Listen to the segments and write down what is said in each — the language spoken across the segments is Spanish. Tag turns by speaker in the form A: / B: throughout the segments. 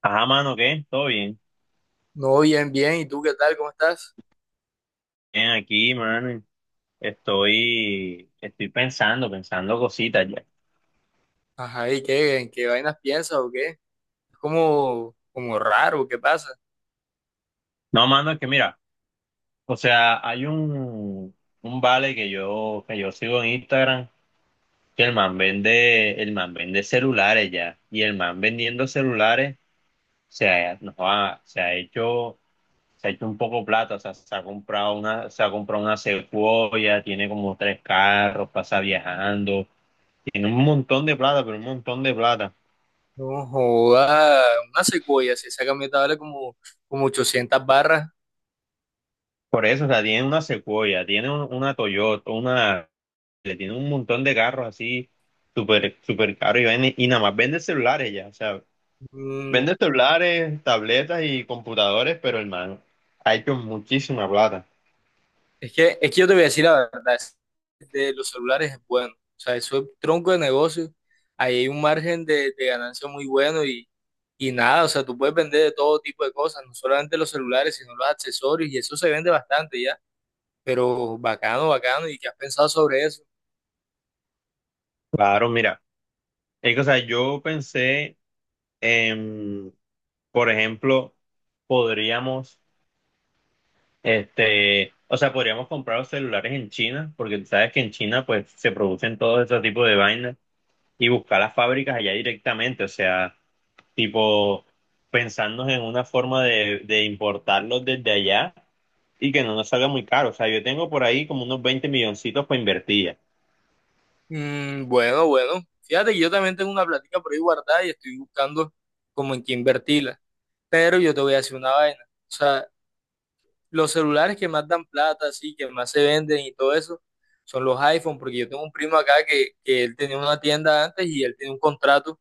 A: Ajá, mano, ¿qué? ¿Todo bien?
B: No, bien, bien. ¿Y tú qué tal? ¿Cómo estás?
A: Bien, aquí, mano. Estoy pensando, cositas ya.
B: Ajá, ¿y qué? ¿En qué vainas piensas o qué? Es como raro, ¿qué pasa?
A: No, mano, es que mira, o sea, hay un vale que yo sigo en Instagram, que el man vende celulares ya. Y el man vendiendo celulares no, se ha hecho un poco plata. O sea, se ha comprado una Sequoia, tiene como tres carros, pasa viajando, tiene un montón de plata, pero un montón de plata.
B: No joda, una secuoya, si esa camioneta vale como 800 barras.
A: Por eso, o sea, tiene una Sequoia, tiene una Toyota, una, le tiene un montón de carros así, súper, súper caros y, y nada más vende celulares ya, o sea,
B: Mm,
A: vende celulares, tabletas y computadores, pero hermano, ha hecho muchísima plata.
B: es que yo te voy a decir la verdad, de los celulares es bueno. O sea, eso es tronco de negocio. Ahí hay un margen de ganancia muy bueno y nada, o sea, tú puedes vender de todo tipo de cosas, no solamente los celulares, sino los accesorios, y eso se vende bastante, ¿ya? Pero bacano, bacano. ¿Y qué has pensado sobre eso?
A: Claro, mira, es que, o sea, yo pensé en, por ejemplo, podríamos, este, o sea, podríamos comprar los celulares en China, porque tú sabes que en China, pues, se producen todo ese tipo de vainas. Y buscar las fábricas allá directamente, o sea, tipo pensando en una forma de importarlos desde allá y que no nos salga muy caro. O sea, yo tengo por ahí como unos 20 milloncitos para invertir.
B: Mm, bueno, bueno. Fíjate que yo también tengo una plática por ahí guardada y estoy buscando como en qué invertirla. Pero yo te voy a decir una vaina. O sea, los celulares que más dan plata, así, que más se venden y todo eso, son los iPhone, porque yo tengo un primo acá que él tenía una tienda antes y él tenía un contrato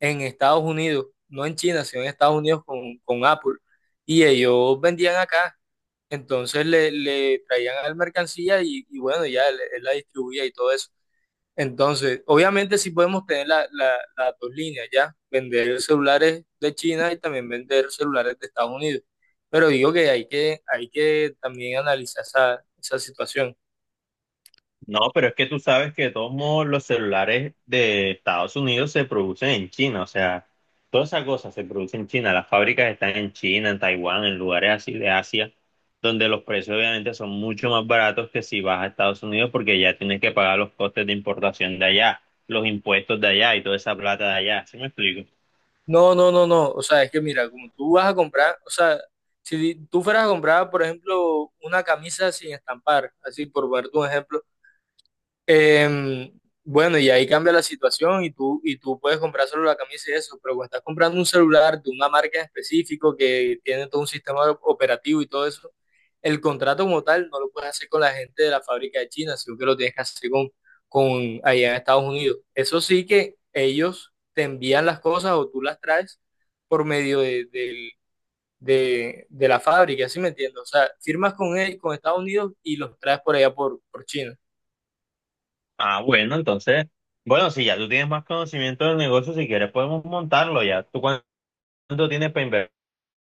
B: en Estados Unidos, no en China, sino en Estados Unidos con Apple. Y ellos vendían acá. Entonces le traían al mercancía y bueno, ya él la distribuía y todo eso. Entonces, obviamente sí podemos tener las dos líneas, ¿ya? Vender celulares de China y también vender celulares de Estados Unidos. Pero digo que hay que también analizar esa, esa situación.
A: No, pero es que tú sabes que de todos modos los celulares de Estados Unidos se producen en China, o sea, todas esas cosas se producen en China, las fábricas están en China, en Taiwán, en lugares así de Asia, donde los precios obviamente son mucho más baratos que si vas a Estados Unidos porque ya tienes que pagar los costes de importación de allá, los impuestos de allá y toda esa plata de allá, ¿sí me explico?
B: No, no, no, no. O sea, es que mira, como tú vas a comprar, o sea, si tú fueras a comprar, por ejemplo, una camisa sin estampar, así por ponerte un ejemplo, Em, bueno, y ahí cambia la situación y tú puedes comprar solo la camisa y eso, pero cuando estás comprando un celular de una marca en específico que tiene todo un sistema operativo y todo eso, el contrato como tal no lo puedes hacer con la gente de la fábrica de China, sino que lo tienes que hacer con allá en Estados Unidos. Eso sí que ellos te envían las cosas o tú las traes por medio de la fábrica, ¿sí me entiendes? O sea, firmas con él, con Estados Unidos y los traes por allá por China.
A: Ah, bueno, entonces, bueno, si ya tú tienes más conocimiento del negocio, si quieres podemos montarlo ya. ¿Tú cuánto tienes para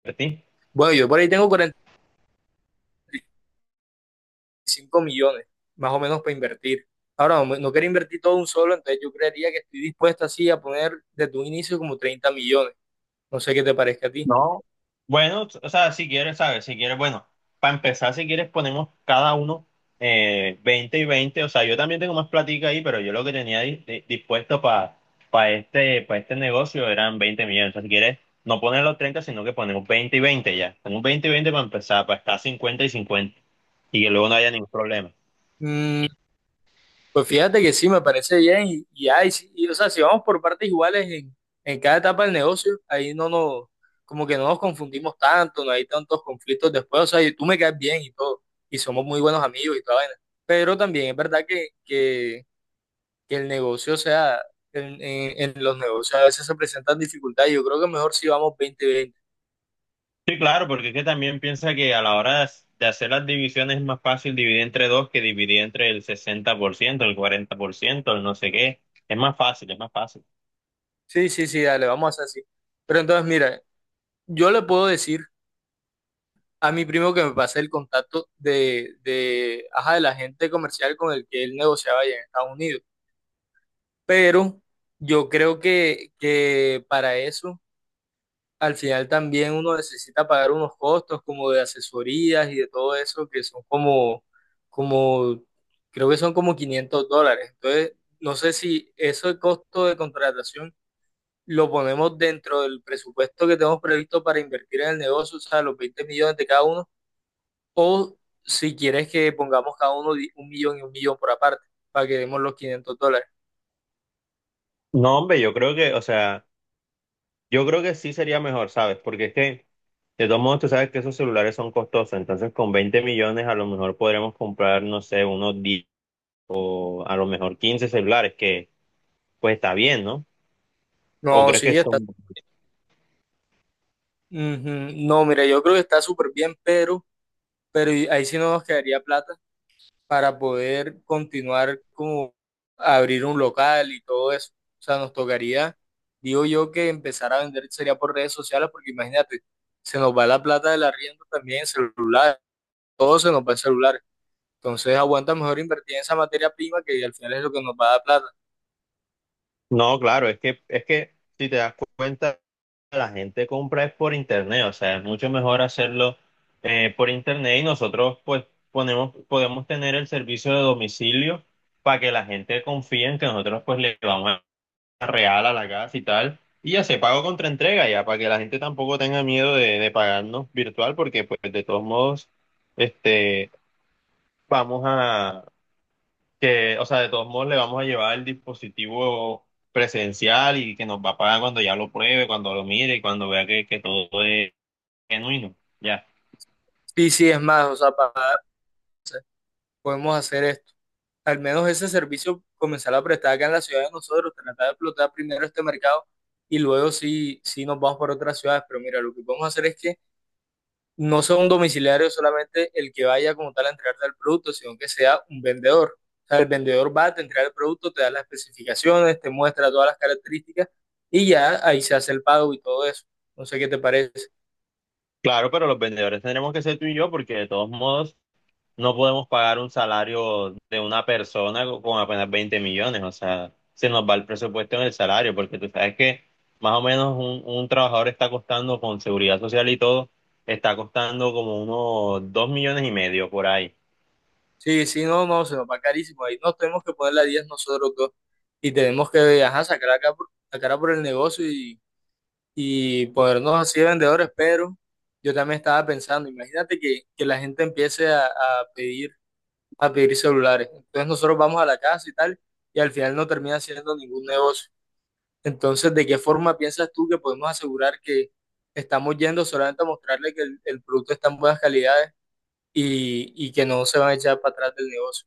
A: invertir?
B: Bueno, yo por ahí tengo 5 millones, más o menos para invertir. Ahora, no, no quiero invertir todo un solo, entonces yo creería que estoy dispuesto así a poner desde un inicio como 30 millones. No sé qué te parezca a ti.
A: No. Bueno, o sea, si quieres, ¿sabes? Si quieres, bueno, para empezar, si quieres, ponemos cada uno 20 y veinte. O sea, yo también tengo más platica ahí, pero yo lo que tenía dispuesto para para este negocio eran 20 millones. O sea, si quieres, no poner los 30 sino que ponemos 20 y 20 ya. Ponemos 20 y 20 para empezar, para estar 50 y cincuenta. Y que luego no haya ningún problema.
B: Mm, pues fíjate que sí, me parece bien. Ay, sí, y, o sea, si vamos por partes iguales en cada etapa del negocio, ahí no nos, como que no nos confundimos tanto, no hay tantos conflictos después. O sea, y tú me caes bien y todo, y somos muy buenos amigos y toda vaina. Pero también es verdad que el negocio, o sea, en los negocios a veces se presentan dificultades. Yo creo que mejor si vamos 20 y 20.
A: Sí, claro, porque es que también piensa que a la hora de de hacer las divisiones es más fácil dividir entre dos que dividir entre el 60%, el 40%, el no sé qué. Es más fácil, es más fácil.
B: Sí, sí, sí, dale, vamos a hacer así. Pero entonces, mira, yo le puedo decir a mi primo que me pase el contacto ajá, del agente comercial con el que él negociaba allá en Estados Unidos. Pero yo creo que para eso. Al final también uno necesita pagar unos costos como de asesorías y de todo eso que son como, creo que son como 500 dólares. Entonces, no sé si ese costo de contratación lo ponemos dentro del presupuesto que tenemos previsto para invertir en el negocio, o sea, los 20 millones de cada uno, o si quieres que pongamos cada uno un millón y un millón por aparte, para que demos los 500 dólares.
A: No, hombre, yo creo que, o sea, yo creo que sí sería mejor, ¿sabes? Porque es que, de todos modos, tú sabes que esos celulares son costosos, entonces con 20 millones a lo mejor podremos comprar, no sé, unos 10 o a lo mejor 15 celulares, que pues está bien, ¿no? ¿O
B: No,
A: crees que
B: sí, está.
A: son...?
B: Ujú. No, mira, yo creo que está súper bien, pero ahí sí no nos quedaría plata para poder continuar como abrir un local y todo eso. O sea, nos tocaría, digo yo, que empezar a vender sería por redes sociales, porque imagínate, se nos va la plata del arriendo también en celular, todo se nos va en celular. Entonces aguanta mejor invertir en esa materia prima que al final es lo que nos va a dar plata.
A: No, claro, es que si te das cuenta... La gente compra es por internet, o sea, es mucho mejor hacerlo por internet y nosotros pues podemos tener el servicio de domicilio para que la gente confíe en que nosotros pues le vamos a real a la casa y tal, y ya se pago contra entrega ya, para que la gente tampoco tenga miedo de pagarnos virtual, porque pues de todos modos, este, vamos a, o sea, de todos modos le vamos a llevar el dispositivo presencial y que nos va a pagar cuando ya lo pruebe, cuando lo mire y cuando vea que todo es genuino, ya.
B: Y si es más, o sea, podemos hacer esto. Al menos ese servicio comenzar a prestar acá en la ciudad de nosotros, tratar de explotar primero este mercado y luego sí, sí nos vamos por otras ciudades. Pero mira, lo que podemos hacer es que no sea un domiciliario solamente el que vaya como tal a entregarte el producto, sino que sea un vendedor. O sea, el vendedor va, te entrega el producto, te da las especificaciones, te muestra todas las características y ya ahí se hace el pago y todo eso. No sé qué te parece.
A: Claro, pero los vendedores tendremos que ser tú y yo porque de todos modos no podemos pagar un salario de una persona con apenas 20 millones. O sea, se nos va el presupuesto en el salario porque tú sabes que más o menos un trabajador está costando con seguridad social y todo, está costando como unos 2,5 millones por ahí.
B: Sí, sí, no, no, se nos va carísimo. Ahí nos tenemos que poner la 10 nosotros dos y tenemos que ajá, sacar la cara por el negocio y ponernos así de vendedores, pero yo también estaba pensando, imagínate que la gente empiece a pedir celulares. Entonces nosotros vamos a la casa y tal, y al final no termina haciendo ningún negocio. Entonces, ¿de qué forma piensas tú que podemos asegurar que estamos yendo solamente a mostrarle que el producto está en buenas calidades y que no se van a echar para atrás del negocio?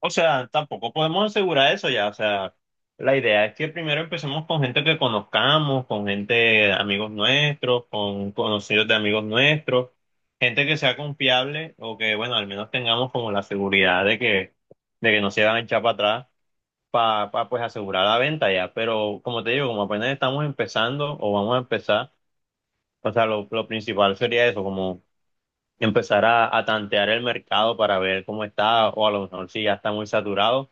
A: O sea, tampoco podemos asegurar eso ya. O sea, la idea es que primero empecemos con gente que conozcamos, con gente, amigos nuestros, con conocidos de amigos nuestros, gente que sea confiable o que, bueno, al menos tengamos como la seguridad de que, no se van a echar para atrás para, pues asegurar la venta ya. Pero como te digo, como apenas estamos empezando o vamos a empezar, o sea, lo principal sería eso, como empezar a tantear el mercado para ver cómo está o a lo mejor si ya está muy saturado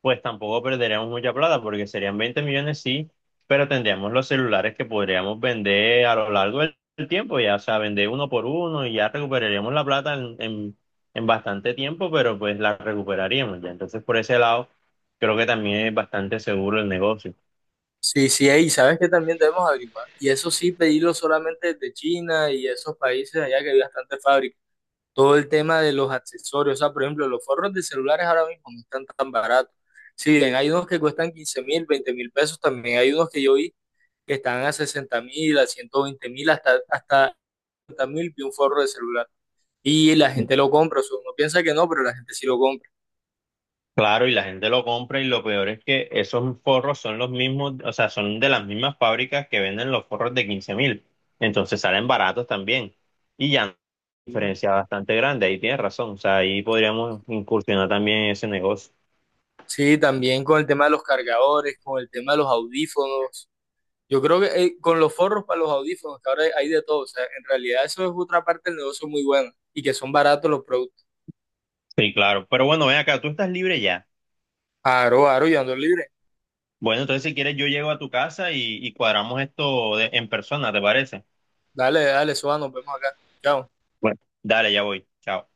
A: pues tampoco perderíamos mucha plata porque serían 20 millones, sí, pero tendríamos los celulares que podríamos vender a lo largo del tiempo, ya, o sea, vender uno por uno y ya recuperaríamos la plata en bastante tiempo, pero pues la recuperaríamos ya. Entonces, por ese lado, creo que también es bastante seguro el negocio.
B: Sí, sí, y sabes que también debemos averiguar. Y eso sí, pedirlo solamente desde China y esos países allá que hay bastante fábricas todo el tema de los accesorios. O sea, por ejemplo, los forros de celulares ahora mismo no están tan baratos. Si bien hay unos que cuestan 15.000, 20.000 pesos, también hay unos que yo vi que están a 60.000, a 120.000, hasta 50.000 vi un forro de celular. Y la gente lo compra, o sea, uno piensa que no, pero la gente sí lo compra.
A: Claro, y la gente lo compra y lo peor es que esos forros son los mismos, o sea, son de las mismas fábricas que venden los forros de 15.000. Entonces salen baratos también. Y ya una diferencia bastante grande, ahí tienes razón. O sea, ahí podríamos incursionar también en ese negocio.
B: Sí, también con el tema de los cargadores, con el tema de los audífonos. Yo creo que con los forros para los audífonos, que ahora hay de todo, o sea, en realidad eso es otra parte del negocio muy buena y que son baratos los productos.
A: Sí, claro. Pero bueno, ven acá, tú estás libre ya.
B: Aro, aro, y ando libre.
A: Bueno, entonces si quieres yo llego a tu casa y cuadramos esto en persona, ¿te parece?
B: Dale, dale, Suba, nos vemos acá. Chao.
A: Bueno. Dale, ya voy. Chao.